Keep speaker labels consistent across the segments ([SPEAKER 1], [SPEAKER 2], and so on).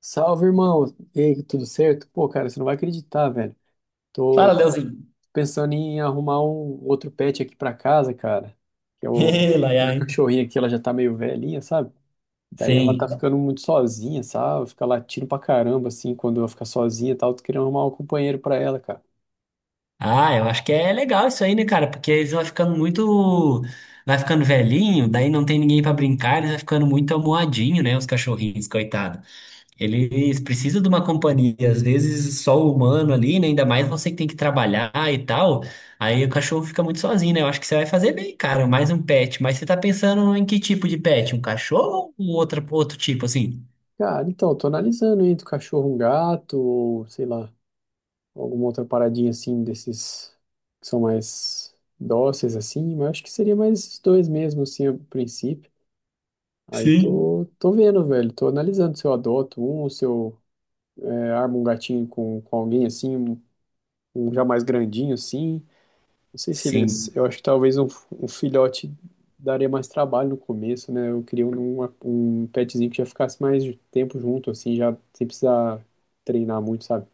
[SPEAKER 1] Salve, irmão. E aí, tudo certo? Pô, cara, você não vai acreditar, velho. Tô
[SPEAKER 2] Fala,
[SPEAKER 1] tô
[SPEAKER 2] Leozinho.
[SPEAKER 1] pensando em arrumar um outro pet aqui pra casa, cara. Que é o
[SPEAKER 2] Ê, Laia,
[SPEAKER 1] minha
[SPEAKER 2] hein?
[SPEAKER 1] cachorrinha aqui, ela já tá meio velhinha, sabe? Daí ela tá
[SPEAKER 2] Sim.
[SPEAKER 1] ficando muito sozinha, sabe? Fica latindo pra caramba, assim, quando ela fica sozinha e tal. Tô querendo arrumar um companheiro pra ela, cara.
[SPEAKER 2] Ah, eu acho que é legal isso aí, né, cara? Porque eles vão ficando muito. Vai ficando velhinho, daí não tem ninguém pra brincar, eles vai ficando muito amuadinho, né? Os cachorrinhos, coitado. Eles precisam de uma companhia, às vezes só o humano ali, né? Ainda mais você que tem que trabalhar e tal. Aí o cachorro fica muito sozinho, né? Eu acho que você vai fazer bem, cara, mais um pet. Mas você tá pensando em que tipo de pet? Um cachorro ou outra, outro tipo, assim?
[SPEAKER 1] Cara, então, tô analisando entre o cachorro, um gato, ou sei lá, alguma outra paradinha assim, desses que são mais dóceis, assim. Mas acho que seria mais esses dois mesmo, assim, a princípio. Aí
[SPEAKER 2] Sim.
[SPEAKER 1] tô vendo, velho. Tô analisando se eu adoto um, se eu é, armo um gatinho com alguém assim, um já mais grandinho assim. Não sei se eles.
[SPEAKER 2] Sim.
[SPEAKER 1] Eu acho que talvez um, um filhote daria mais trabalho no começo, né? Eu queria um, uma- um petzinho que já ficasse mais tempo junto, assim, já sem precisar treinar muito, sabe?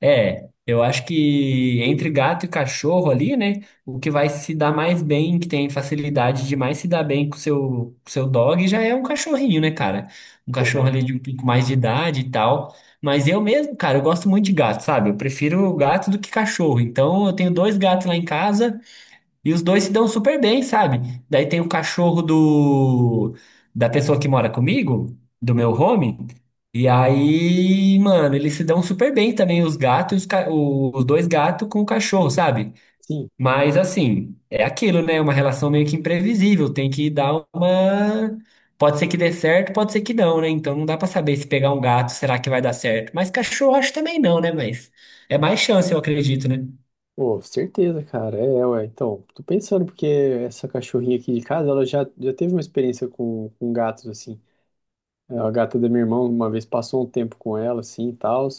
[SPEAKER 2] É, eu acho que entre gato e cachorro ali, né? O que vai se dar mais bem, que tem facilidade de mais se dar bem com o seu dog, já é um cachorrinho, né, cara? Um
[SPEAKER 1] Pô, da
[SPEAKER 2] cachorro
[SPEAKER 1] hora.
[SPEAKER 2] ali de um pouco mais de idade e tal. Mas eu mesmo, cara, eu gosto muito de gato, sabe? Eu prefiro gato do que cachorro. Então eu tenho dois gatos lá em casa. E os dois se dão super bem, sabe? Daí tem o cachorro do da pessoa que mora comigo, do meu home. E aí, mano, eles se dão super bem também, os gatos, e os, os dois gatos com o cachorro, sabe?
[SPEAKER 1] Sim.
[SPEAKER 2] Mas assim, é aquilo, né? Uma relação meio que imprevisível, tem que dar uma. Pode ser que dê certo, pode ser que não, né? Então não dá pra saber se pegar um gato, será que vai dar certo? Mas cachorro acho também não, né? Mas é mais chance, eu acredito, né?
[SPEAKER 1] Pô, certeza, cara. É, ué. Então, tô pensando porque essa cachorrinha aqui de casa, ela já teve uma experiência com gatos, assim. É, a gata da minha irmã uma vez passou um tempo com ela, assim, e tal.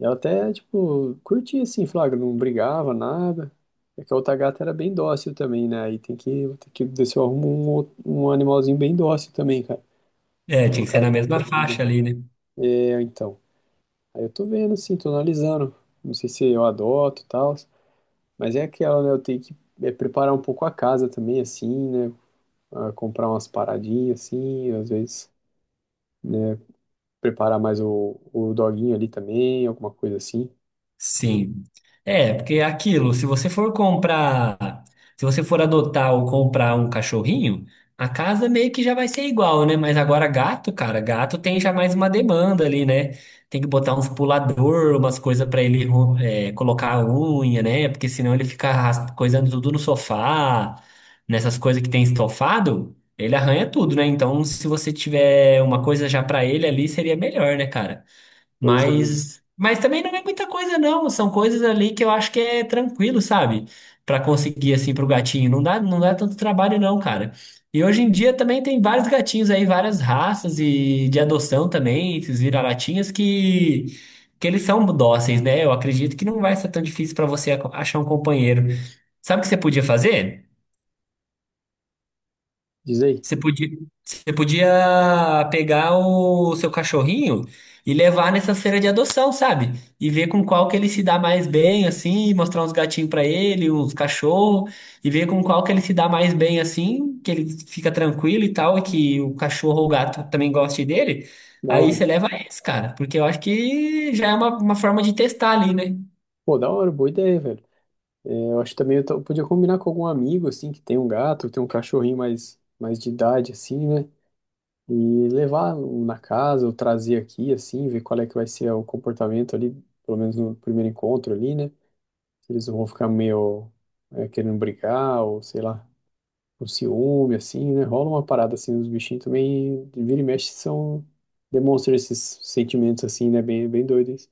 [SPEAKER 1] E ela até, tipo, curtia, assim, flagra, não brigava, nada. É que a outra gata era bem dócil também, né? Aí tem que ver se eu arrumo um, outro- um animalzinho bem dócil também, cara. Pra
[SPEAKER 2] É, tinha que ser
[SPEAKER 1] colocar
[SPEAKER 2] na
[SPEAKER 1] junto
[SPEAKER 2] mesma
[SPEAKER 1] ali, né?
[SPEAKER 2] faixa ali, né?
[SPEAKER 1] É, então. Aí eu tô vendo, assim, tô analisando. Não sei se eu adoto e tal. Mas é aquela, né? Eu tenho que é, preparar um pouco a casa também, assim, né? Ah, comprar umas paradinhas, assim, às vezes. Né, preparar mais o doguinho ali também, alguma coisa assim.
[SPEAKER 2] Sim. É, porque é aquilo, se você for comprar, se você for adotar ou comprar um cachorrinho, a casa meio que já vai ser igual, né? Mas agora gato, cara, gato tem já mais uma demanda ali, né? Tem que botar uns pulador, umas coisas pra ele colocar a unha, né? Porque senão ele fica coisando tudo no sofá, nessas coisas que tem estofado, ele arranha tudo, né? Então, se você tiver uma coisa já pra ele ali, seria melhor, né, cara?
[SPEAKER 1] Pois é, mano.
[SPEAKER 2] Mas também não é muita coisa, não. São coisas ali que eu acho que é tranquilo, sabe? Pra conseguir, assim, pro gatinho. Não dá tanto trabalho, não, cara. E hoje em dia também tem vários gatinhos aí, várias raças e de adoção também, esses vira-latinhas que eles são dóceis, né? Eu acredito que não vai ser tão difícil pra você achar um companheiro. Sabe o que você podia fazer?
[SPEAKER 1] Diz aí.
[SPEAKER 2] Você podia, você podia pegar o seu cachorrinho e levar nessas feiras de adoção, sabe? E ver com qual que ele se dá mais bem, assim, mostrar uns gatinhos pra ele, uns cachorros, e ver com qual que ele se dá mais bem, assim, que ele fica tranquilo e tal, e que o cachorro ou o gato também goste dele.
[SPEAKER 1] Da
[SPEAKER 2] Aí
[SPEAKER 1] hora.
[SPEAKER 2] você leva esse, cara, porque eu acho que já é uma forma de testar ali, né?
[SPEAKER 1] Pô, da hora, boa ideia, velho. É, eu acho que também eu, to- eu podia combinar com algum amigo, assim, que tem um gato, tem um cachorrinho mais de idade, assim, né? E levar um na casa, ou trazer aqui, assim, ver qual é que vai ser o comportamento ali, pelo menos no primeiro encontro ali, né? Se eles não vão ficar meio, é, querendo brigar, ou sei lá. Por ciúme, assim, né? Rola uma parada assim, os bichinhos também, vira e mexe, são, demonstram esses sentimentos assim, né? Bem doidos.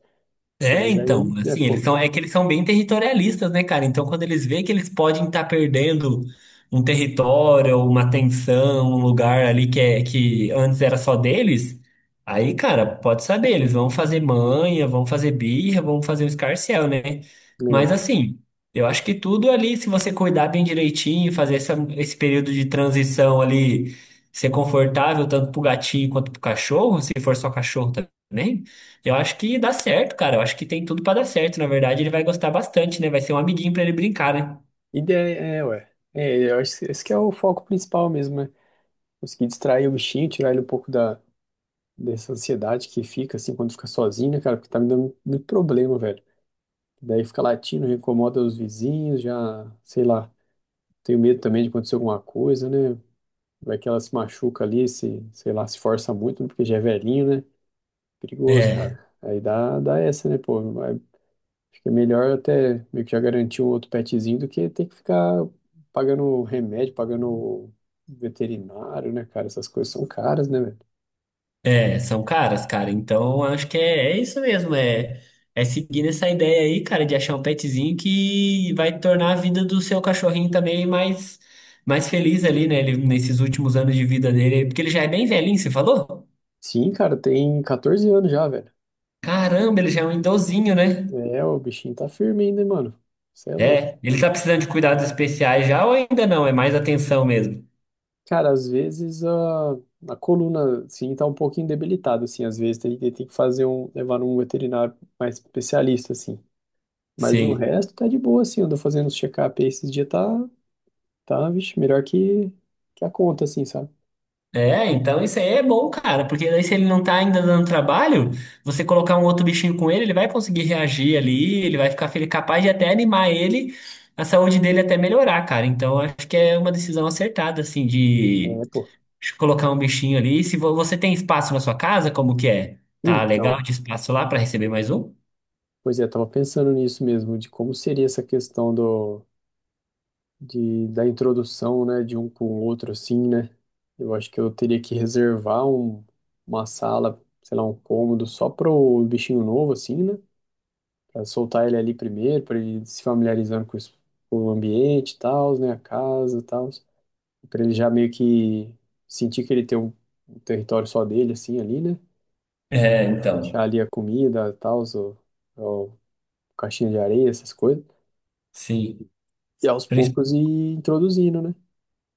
[SPEAKER 2] É,
[SPEAKER 1] Mas aí,
[SPEAKER 2] então,
[SPEAKER 1] né
[SPEAKER 2] assim, eles
[SPEAKER 1] pô,
[SPEAKER 2] são, é que eles são bem territorialistas, né, cara? Então, quando eles veem que eles podem estar perdendo um território, uma tensão, um lugar ali que antes era só deles, aí, cara, pode saber, eles vão fazer manha, vão fazer birra, vão fazer o escarcéu, né?
[SPEAKER 1] né, é,
[SPEAKER 2] Mas,
[SPEAKER 1] pô.
[SPEAKER 2] assim, eu acho que tudo ali, se você cuidar bem direitinho, fazer esse período de transição ali, ser confortável tanto pro gatinho quanto pro cachorro, se for só cachorro também. Eu acho que dá certo, cara. Eu acho que tem tudo pra dar certo. Na verdade, ele vai gostar bastante, né? Vai ser um amiguinho pra ele brincar, né?
[SPEAKER 1] Ideia, é, ué. É, eu acho que esse que é o foco principal mesmo, né? Conseguir distrair o bichinho, tirar ele um pouco da, dessa ansiedade que fica, assim, quando fica sozinho, né, cara? Porque tá me dando muito problema, velho. Daí fica latindo, incomoda os vizinhos, já, sei lá, tenho medo também de acontecer alguma coisa, né? Vai que ela se machuca ali, se, sei lá, se força muito, né, porque já é velhinho, né? Perigoso, cara.
[SPEAKER 2] É,
[SPEAKER 1] Aí dá essa, né, pô? Vai- fica melhor até meio que já garantir um outro petzinho do que ter que ficar pagando remédio, pagando veterinário, né, cara? Essas coisas são caras, né, velho?
[SPEAKER 2] são caras, cara. Então, acho que é isso mesmo. É seguir essa ideia aí, cara, de achar um petzinho que vai tornar a vida do seu cachorrinho também mais feliz ali, né? Ele, nesses últimos anos de vida dele. Porque ele já é bem velhinho, você falou?
[SPEAKER 1] Sim, cara, tem 14 anos já, velho.
[SPEAKER 2] Caramba, ele já é um idosinho, né?
[SPEAKER 1] É, o bichinho tá firme ainda, hein, mano. Você é louco.
[SPEAKER 2] É, ele tá precisando de cuidados especiais já ou ainda não? É mais atenção mesmo.
[SPEAKER 1] Cara, às vezes a coluna, assim, tá um pouquinho debilitada, assim. Às vezes tem que fazer um, levar um veterinário mais especialista, assim. Mas no
[SPEAKER 2] Sim.
[SPEAKER 1] resto tá de boa, assim. Eu ando fazendo os check-up aí esses dias, tá, tá, vixe, melhor que a conta, assim, sabe?
[SPEAKER 2] É, então isso aí é bom, cara, porque daí se ele não tá ainda dando trabalho, você colocar um outro bichinho com ele, ele vai conseguir reagir ali, ele vai ficar feliz, capaz de até animar ele, a saúde dele até melhorar, cara. Então acho que é uma decisão acertada, assim, de
[SPEAKER 1] É, pô.
[SPEAKER 2] colocar um bichinho ali. Se você tem espaço na sua casa, como que é? Tá
[SPEAKER 1] Então,
[SPEAKER 2] legal de espaço lá pra receber mais um?
[SPEAKER 1] pois é, tava pensando nisso mesmo, de como seria essa questão do, de, da introdução, né, de um com o outro, assim, né? Eu acho que eu teria que reservar um, uma sala, sei lá, um cômodo só pro bichinho novo, assim, né? Pra soltar ele ali primeiro, pra ele se familiarizando com, os- com o ambiente e tal, né? A casa e tal. Pra ele já meio que sentir que ele tem um, um território só dele, assim, ali, né?
[SPEAKER 2] É,
[SPEAKER 1] Deixar
[SPEAKER 2] então,
[SPEAKER 1] ali a comida, tal, o caixinha de areia, essas coisas.
[SPEAKER 2] sim.
[SPEAKER 1] E aos poucos ir introduzindo, né?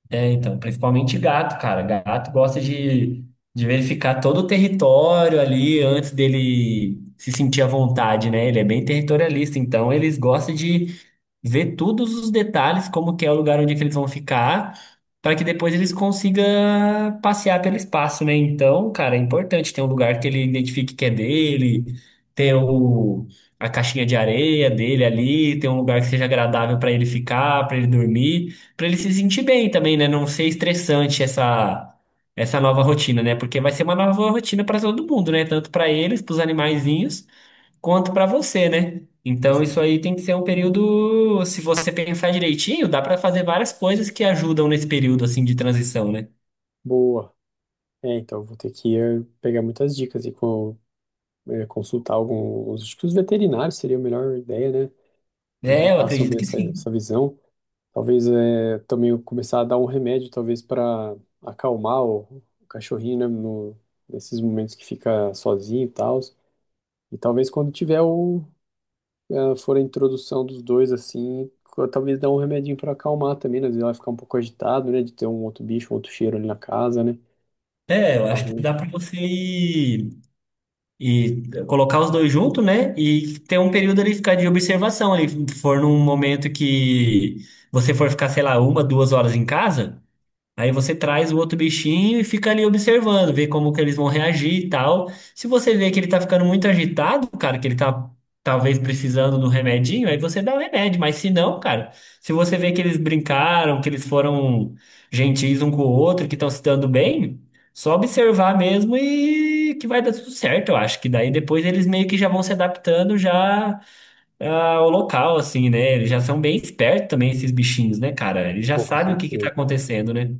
[SPEAKER 2] É, então, principalmente gato, cara. De verificar todo o território ali antes dele se sentir à vontade, né? Ele é bem territorialista, então eles gostam de ver todos os detalhes, como que é o lugar onde é que eles vão ficar, para que depois eles consigam passear pelo espaço, né? Então, cara, é importante ter um lugar que ele identifique que é dele, ter o, a caixinha de areia dele ali, ter um lugar que seja agradável para ele ficar, para ele dormir, para ele se sentir bem também, né? Não ser estressante essa nova rotina, né? Porque vai ser uma nova rotina para todo mundo, né? Tanto para eles, para os animaizinhos, quanto para você, né? Então, isso
[SPEAKER 1] Exato.
[SPEAKER 2] aí tem que ser um período, se você pensar direitinho, dá para fazer várias coisas que ajudam nesse período assim de transição, né?
[SPEAKER 1] Boa. É, então vou ter que pegar muitas dicas e co- consultar alguns. Acho que os veterinários seria a melhor ideia, né? Eles já
[SPEAKER 2] É, eu
[SPEAKER 1] passam
[SPEAKER 2] acredito
[SPEAKER 1] bem
[SPEAKER 2] que
[SPEAKER 1] essa,
[SPEAKER 2] sim.
[SPEAKER 1] essa visão. Talvez também eu começar a dar um remédio, talvez para acalmar o cachorrinho, né? No, nesses momentos que fica sozinho e tal. E talvez quando tiver o, ah, for a introdução dos dois, assim, co- talvez dá um remedinho para acalmar também, né? Às vezes ela vai ficar um pouco agitado, né? De ter um outro bicho, um outro cheiro ali na casa, né?
[SPEAKER 2] É, eu
[SPEAKER 1] Mas
[SPEAKER 2] acho que
[SPEAKER 1] um
[SPEAKER 2] dá para você ir colocar os dois juntos, né? E ter um período ali ficar de observação ali, se for num momento que você for ficar, sei lá, uma, duas horas em casa. Aí você traz o outro bichinho e fica ali observando, vê como que eles vão reagir e tal. Se você vê que ele tá ficando muito agitado, cara, que ele tá talvez precisando do remedinho, aí você dá o remédio. Mas se não, cara, se você vê que eles brincaram, que eles foram gentis um com o outro, que estão se dando bem, só observar mesmo e que vai dar tudo certo, eu acho. Que daí depois eles meio que já vão se adaptando já ao local, assim, né? Eles já são bem espertos também, esses bichinhos, né, cara? Eles já
[SPEAKER 1] pouco de
[SPEAKER 2] sabem o que que tá
[SPEAKER 1] certeza.
[SPEAKER 2] acontecendo, né?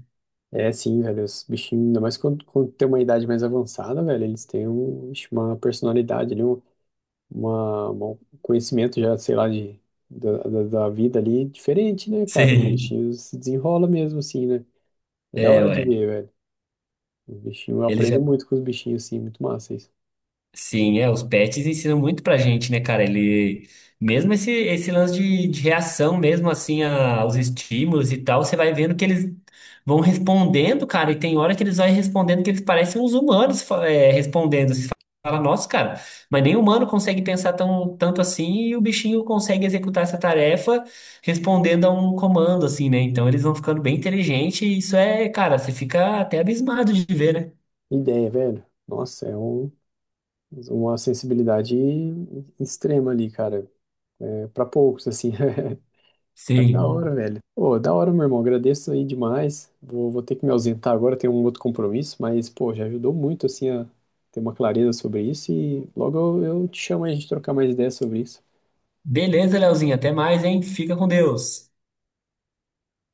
[SPEAKER 1] É, sim, velho, os bichinhos, ainda mais quando tem uma idade mais avançada, velho, eles têm um, ixi, uma personalidade ali, um, uma, um conhecimento já, sei lá, de, da vida ali diferente, né, cara? Os
[SPEAKER 2] Sim,
[SPEAKER 1] bichinhos se desenrolam mesmo, assim, né? É da
[SPEAKER 2] é,
[SPEAKER 1] hora de
[SPEAKER 2] ué.
[SPEAKER 1] ver, velho. Os bichinhos, eu
[SPEAKER 2] Ele
[SPEAKER 1] aprendo
[SPEAKER 2] já.
[SPEAKER 1] muito com os bichinhos, assim, muito massa isso.
[SPEAKER 2] Sim, é, os pets ensinam muito pra gente, né, cara? Ele. Mesmo esse lance de reação, mesmo assim, aos estímulos e tal, você vai vendo que eles vão respondendo, cara, e tem hora que eles vão respondendo que eles parecem uns humanos, respondendo. Você fala, nossa, cara, mas nem humano consegue pensar tanto assim, e o bichinho consegue executar essa tarefa respondendo a um comando, assim, né? Então eles vão ficando bem inteligentes, e isso é, cara, você fica até abismado de ver, né?
[SPEAKER 1] Ideia, velho. Nossa, é um, uma sensibilidade extrema ali, cara. É, para poucos, assim. Mas da
[SPEAKER 2] Sim.
[SPEAKER 1] hora, velho. Pô, da hora, meu irmão. Agradeço aí demais. Vou ter que me ausentar agora, tenho um outro compromisso, mas, pô, já ajudou muito, assim, a ter uma clareza sobre isso. E logo eu te chamo aí a gente trocar mais ideias sobre isso.
[SPEAKER 2] Beleza, Leozinho. Até mais, hein? Fica com Deus.